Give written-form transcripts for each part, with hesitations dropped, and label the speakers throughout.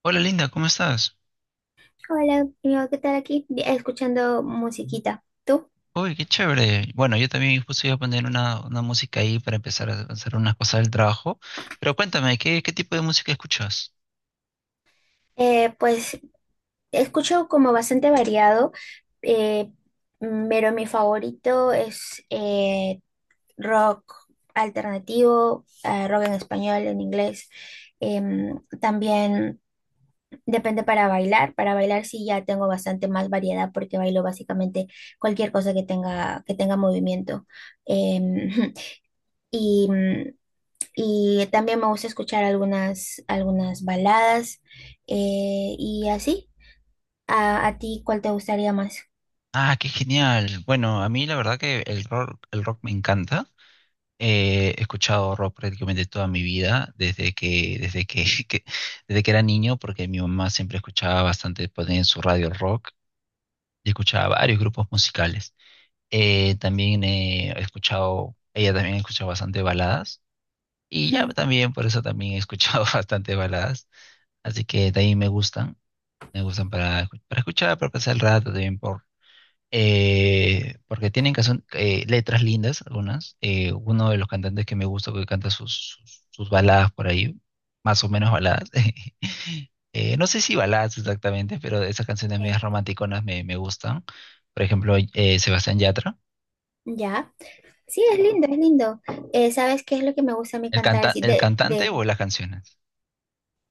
Speaker 1: Hola Linda, ¿cómo estás?
Speaker 2: Hola, amigo, ¿qué tal aquí? Escuchando musiquita. ¿Tú?
Speaker 1: Uy, qué chévere. Bueno, yo también justo iba a poner una música ahí para empezar a hacer unas cosas del trabajo. Pero cuéntame, ¿qué tipo de música escuchas?
Speaker 2: Pues escucho como bastante variado, eh, pero mi favorito es rock alternativo, rock en español, en inglés. También depende para bailar. Para bailar sí ya tengo bastante más variedad porque bailo básicamente cualquier cosa que tenga movimiento. Em, y mm, Y también me gusta escuchar algunas baladas y así. ¿A ti cuál te gustaría más?
Speaker 1: Ah, qué genial. Bueno, a mí la verdad que el rock me encanta. He escuchado rock prácticamente toda mi vida, desde que, que- desde que era niño, porque mi mamá siempre escuchaba bastante, ponía en su radio rock y escuchaba varios grupos musicales. También He escuchado, ella también ha escuchado bastante baladas. Y ya también, por eso también he escuchado bastante baladas. Así que de ahí me gustan. Me gustan para escuchar, para pasar el rato, porque tienen letras lindas algunas. Uno de los cantantes que me gusta que canta sus baladas por ahí, más o menos baladas. No sé si baladas exactamente, pero esas canciones medias
Speaker 2: Ok.
Speaker 1: romanticonas me gustan. Por ejemplo, Sebastián Yatra.
Speaker 2: Ya. Sí, es lindo, es lindo. ¿Sabes qué es lo que me gusta a mí
Speaker 1: ¿El
Speaker 2: cantar?
Speaker 1: canta,
Speaker 2: Así
Speaker 1: el cantante o las canciones?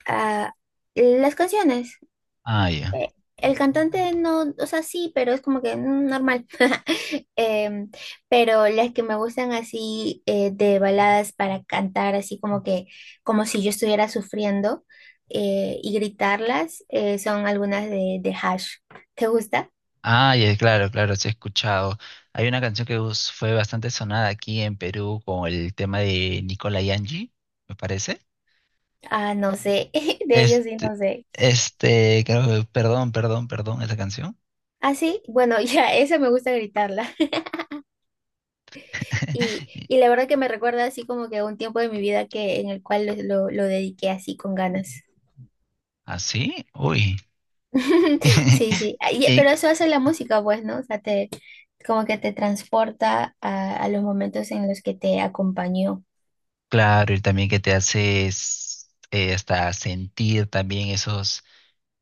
Speaker 2: ah, las canciones.
Speaker 1: Ah, ya.
Speaker 2: El cantante no, o sea, sí, pero es como que normal. Em, pero las que me gustan así de baladas para cantar, así como que, como si yo estuviera sufriendo y gritarlas, son algunas de Hash. ¿Te gusta?
Speaker 1: Ah, ya, claro, claro, sí he escuchado. Hay una canción fue bastante sonada aquí en Perú con el tema de Nicola Angie, me parece.
Speaker 2: Ah, no sé, de ellos sí,
Speaker 1: Este,
Speaker 2: no sé.
Speaker 1: Perdón, perdón, perdón, esa canción.
Speaker 2: Ah, sí, bueno, ya, esa me gusta gritarla. Y la verdad que me recuerda así como que a un tiempo de mi vida que en el cual lo dediqué así con ganas.
Speaker 1: ¿Así? Uy.
Speaker 2: Sí, sí, ay, pero
Speaker 1: Y
Speaker 2: eso hace la música, pues, ¿no? O sea, como que te transporta a los momentos en los que te acompañó.
Speaker 1: claro, y también que te haces hasta sentir también esos,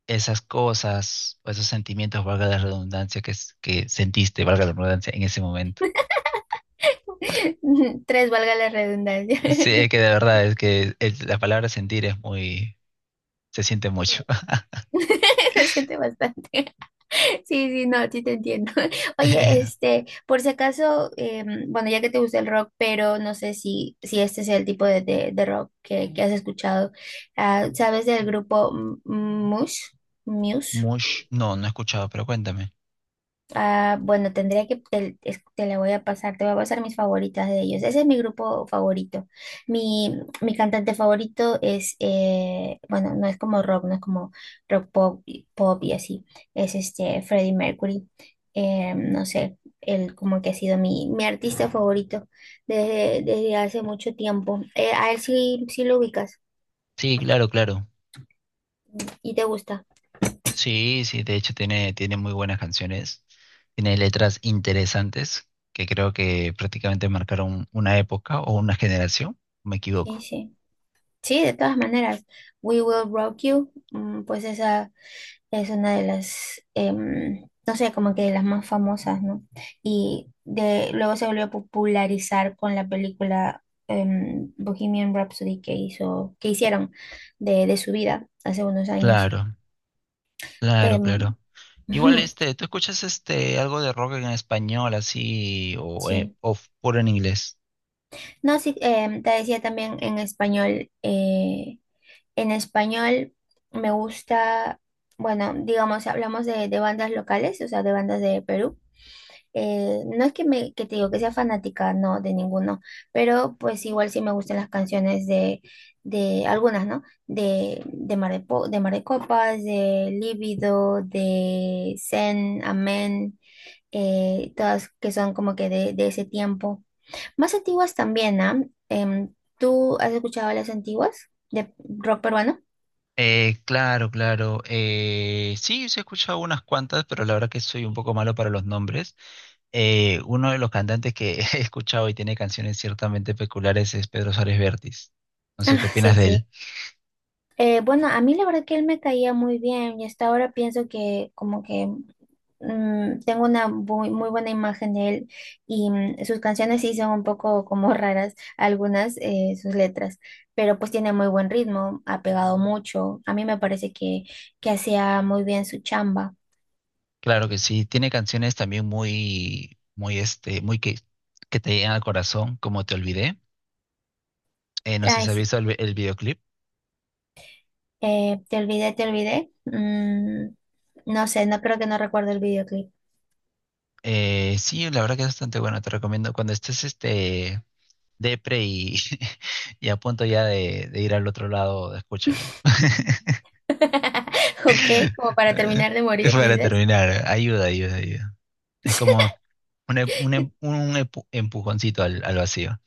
Speaker 1: esas cosas, o esos sentimientos, valga la redundancia, que sentiste, valga la redundancia, en ese momento.
Speaker 2: Tres, valga la redundancia.
Speaker 1: Sí, es que de verdad, es que la palabra sentir es muy, se siente mucho.
Speaker 2: Se siente bastante. Sí, sí, no, sí te entiendo. Oye,
Speaker 1: Eh,
Speaker 2: este, por si acaso, bueno, ya que te gusta el rock, pero no sé si este es el tipo de rock que has escuchado. Ah, ¿sabes del grupo Muse? Muse.
Speaker 1: Mush, no, no he escuchado, pero cuéntame.
Speaker 2: Ah, bueno, tendría que, te la voy a pasar, te voy a pasar mis favoritas de ellos. Ese es mi grupo favorito. Mi cantante favorito es, bueno, no es como rock, no es como rock pop, pop y así. Es este Freddie Mercury. No sé, él como que ha sido mi artista favorito desde hace mucho tiempo. A él sí, sí lo ubicas
Speaker 1: Sí, claro, claro.
Speaker 2: y te gusta.
Speaker 1: Sí, sí, de hecho tiene muy buenas canciones, tiene letras interesantes que creo que prácticamente marcaron una época o una generación, me
Speaker 2: Sí,
Speaker 1: equivoco.
Speaker 2: sí. Sí, de todas maneras. We Will Rock You, pues esa. Es una de las, no sé, como que de las más famosas, ¿no? Luego se volvió a popularizar con la película Bohemian Rhapsody que hicieron de su vida hace unos años.
Speaker 1: Claro, claro,
Speaker 2: Em,
Speaker 1: claro. Igual este, ¿tú escuchas este algo de rock en español así o,
Speaker 2: sí.
Speaker 1: puro en inglés?
Speaker 2: No, sí, te decía también en español me gusta, bueno, digamos, si hablamos de bandas locales, o sea, de bandas de Perú. No es que que te digo que sea fanática, no, de ninguno, pero pues igual sí me gustan las canciones de algunas, ¿no? De Mar de Copas, de Líbido, de Zen, Amén, todas que son como que de ese tiempo. Más antiguas también, ¿ah? Em, ¿Tú has escuchado las antiguas de rock peruano?
Speaker 1: Claro, claro. Sí, sí he escuchado unas cuantas, pero la verdad que soy un poco malo para los nombres. Uno de los cantantes que he escuchado y tiene canciones ciertamente peculiares es Pedro Suárez Vértiz. No sé
Speaker 2: Ah,
Speaker 1: qué opinas
Speaker 2: sí,
Speaker 1: de
Speaker 2: sí.
Speaker 1: él.
Speaker 2: Bueno, a mí la verdad que él me caía muy bien y hasta ahora pienso que como que tengo una muy, muy buena imagen de él y sus canciones sí son un poco como raras, algunas sus letras, pero pues tiene muy buen ritmo, ha pegado mucho, a mí me parece que hacía muy bien su chamba.
Speaker 1: Claro que sí, tiene canciones también muy que te llegan al corazón, como Te Olvidé. No sé si
Speaker 2: Ay,
Speaker 1: has
Speaker 2: sí,
Speaker 1: visto el videoclip.
Speaker 2: te olvidé, te olvidé. No sé, no creo que no recuerdo el videoclip.
Speaker 1: Sí, la verdad que es bastante bueno, te recomiendo. Cuando estés este, depre y, y a punto ya de ir al otro lado, escúchalo.
Speaker 2: Ok, como para terminar de morir,
Speaker 1: Para
Speaker 2: dices.
Speaker 1: terminar, ayuda, ayuda, ayuda. Es como un, empujoncito al vacío.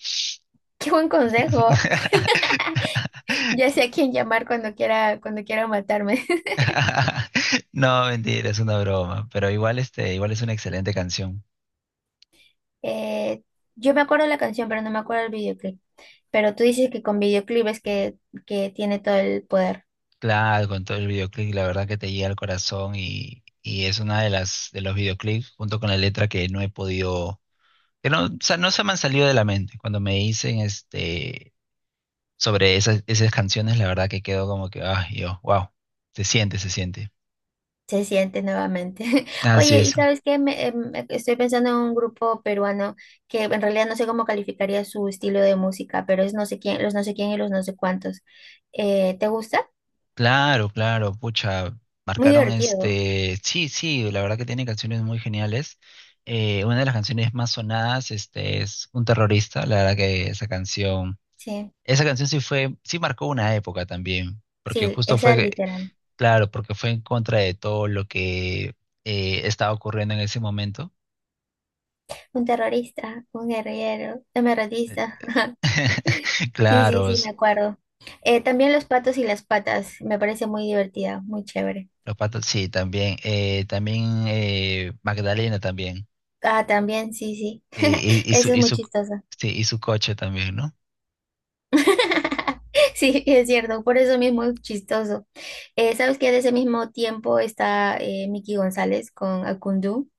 Speaker 2: Qué buen consejo. Ya sé a quién llamar cuando quiera, matarme.
Speaker 1: No, mentira, es una broma, pero igual este, igual es una excelente canción.
Speaker 2: Eh, yo me acuerdo la canción, pero no me acuerdo el videoclip. Pero tú dices que con videoclip es que tiene todo el poder.
Speaker 1: Claro, con todo el videoclip, la verdad que te llega al corazón y es una de las de los videoclips junto con la letra que no he podido que no, o sea, no se me han salido de la mente. Cuando me dicen este, sobre esas canciones, la verdad que quedo como que, ah, yo, wow, se siente, se siente.
Speaker 2: Se siente nuevamente.
Speaker 1: Así
Speaker 2: Oye, ¿y
Speaker 1: es.
Speaker 2: sabes qué? Estoy pensando en un grupo peruano que en realidad no sé cómo calificaría su estilo de música, pero es no sé quién, los no sé quién y los no sé cuántos. ¿Te gusta?
Speaker 1: Claro, claro, pucha,
Speaker 2: Muy
Speaker 1: marcaron
Speaker 2: divertido.
Speaker 1: este, sí, sí, la verdad que tiene canciones muy geniales. Una de las canciones más sonadas, este, es Un terrorista, la verdad que
Speaker 2: Sí,
Speaker 1: esa canción sí fue, sí marcó una época también, porque
Speaker 2: sí,
Speaker 1: justo
Speaker 2: esa
Speaker 1: fue,
Speaker 2: literal.
Speaker 1: claro, porque fue en contra de todo lo que estaba ocurriendo en ese momento.
Speaker 2: Un terrorista, un guerrillero, un
Speaker 1: Eh,
Speaker 2: emeraldista. Sí, sí,
Speaker 1: claro,
Speaker 2: sí,
Speaker 1: s-
Speaker 2: me acuerdo. También los patos y las patas, me parece muy divertida, muy chévere.
Speaker 1: los patos, sí, también. Magdalena también.
Speaker 2: Ah, también, sí, sí. Eso es
Speaker 1: Y
Speaker 2: muy
Speaker 1: su,
Speaker 2: chistoso.
Speaker 1: sí, y su coche también, ¿no?
Speaker 2: Sí, es cierto, por eso mismo es chistoso. ¿Sabes que de ese mismo tiempo está Miki González con Akundú,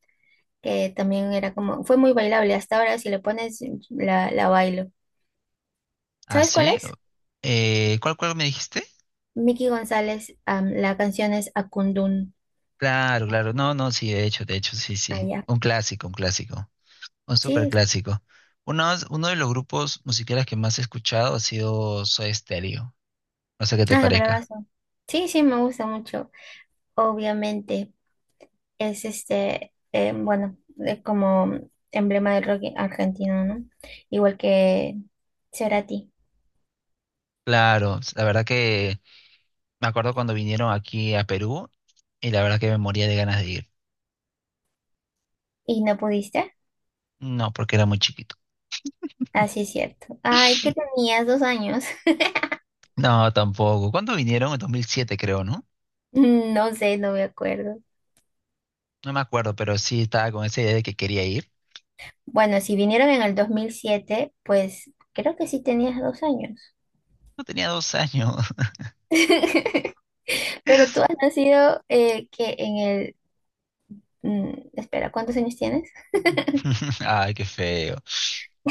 Speaker 2: que también era como, fue muy bailable, hasta ahora si le pones la bailo.
Speaker 1: Ah,
Speaker 2: ¿Sabes cuál
Speaker 1: sí.
Speaker 2: es?
Speaker 1: ¿Cuál me dijiste?
Speaker 2: Miki González, la canción es Akundún.
Speaker 1: Claro, claro. No, no, sí, de hecho, sí,
Speaker 2: Ah,
Speaker 1: sí.
Speaker 2: ya.
Speaker 1: Un clásico, un clásico. Un
Speaker 2: Sí,
Speaker 1: súper clásico. Uno de los grupos musicales que más he escuchado ha sido Soda Stereo. No sé qué te parezca.
Speaker 2: bravazo. Sí, sí, me gusta mucho. Obviamente, es este, bueno, como emblema del rock argentino, ¿no? Igual que Cerati.
Speaker 1: Claro, la verdad que me acuerdo cuando vinieron aquí a Perú y la verdad que me moría de ganas de ir.
Speaker 2: ¿Y no pudiste?
Speaker 1: No, porque era muy chiquito.
Speaker 2: Así es cierto. Ay, que tenías 2 años.
Speaker 1: No, tampoco. ¿Cuándo vinieron? En 2007, creo, ¿no?
Speaker 2: No sé, no me acuerdo.
Speaker 1: No me acuerdo, pero sí estaba con esa idea de que quería ir.
Speaker 2: Bueno, si vinieron en el 2007 pues creo que sí tenías 2 años.
Speaker 1: No tenía dos años.
Speaker 2: Pero tú has nacido, que en el... mm, espera, ¿cuántos años tienes?
Speaker 1: Ay, qué feo.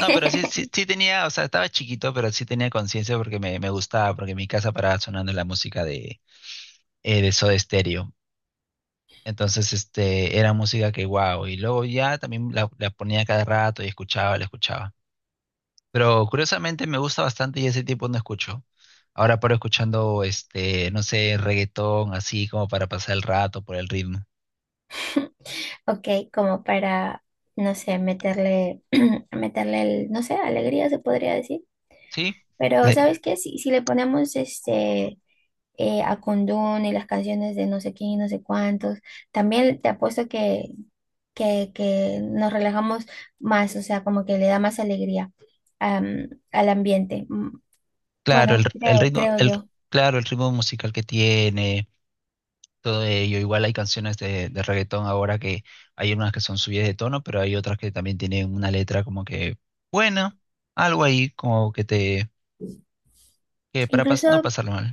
Speaker 1: No, pero sí, sí, sí tenía, o sea, estaba chiquito, pero sí tenía conciencia porque me gustaba, porque en mi casa paraba sonando la música de Soda Stereo. Entonces, este, era música que, wow, y luego ya también la ponía cada rato y escuchaba, la escuchaba. Pero curiosamente me gusta bastante y ese tipo no escucho. Ahora paro escuchando, este, no sé, reggaetón, así como para pasar el rato por el ritmo.
Speaker 2: Ok, como para, no sé, meterle, meterle el, no sé, alegría se podría decir.
Speaker 1: ¿Sí?
Speaker 2: Pero,
Speaker 1: Le-
Speaker 2: ¿sabes qué? Si le ponemos este a Kundun y las canciones de no sé quién y no sé cuántos, también te apuesto que nos relajamos más, o sea, como que le da más alegría al ambiente.
Speaker 1: claro,
Speaker 2: Bueno,
Speaker 1: el
Speaker 2: creo,
Speaker 1: ritmo,
Speaker 2: creo
Speaker 1: el,
Speaker 2: yo.
Speaker 1: claro, el ritmo musical que tiene, todo ello. Igual hay canciones de reggaetón ahora que hay unas que son subidas de tono, pero hay otras que también tienen una letra como que buena, algo ahí como que te,
Speaker 2: Incluso,
Speaker 1: no pasarlo mal.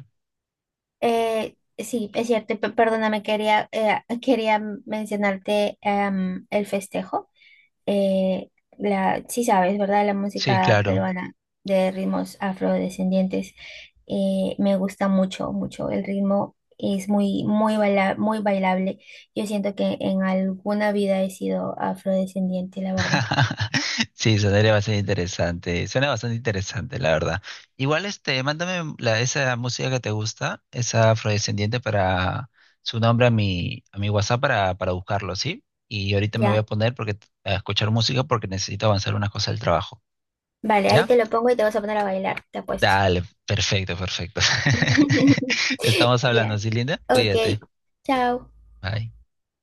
Speaker 2: sí, es cierto, perdóname, quería, quería mencionarte el festejo. eh, sí sabes, ¿verdad? La
Speaker 1: Sí,
Speaker 2: música
Speaker 1: claro.
Speaker 2: peruana de ritmos afrodescendientes me gusta mucho, mucho. El ritmo es muy, muy muy bailable. Yo siento que en alguna vida he sido afrodescendiente, la verdad.
Speaker 1: Sí, sonaría bastante interesante. Suena bastante interesante, la verdad. Igual, este, mándame la, esa música que te gusta, esa afrodescendiente para su nombre a a mi WhatsApp para buscarlo, ¿sí? Y ahorita me voy a
Speaker 2: Ya.
Speaker 1: poner porque, a escuchar música porque necesito avanzar unas cosas del trabajo.
Speaker 2: Vale, ahí
Speaker 1: ¿Ya?
Speaker 2: te lo pongo y te vas a poner a bailar, te apuesto.
Speaker 1: Dale, perfecto, perfecto. Estamos
Speaker 2: Ya,
Speaker 1: hablando, ¿sí, Linda?
Speaker 2: ok,
Speaker 1: Cuídate.
Speaker 2: chao.
Speaker 1: Bye.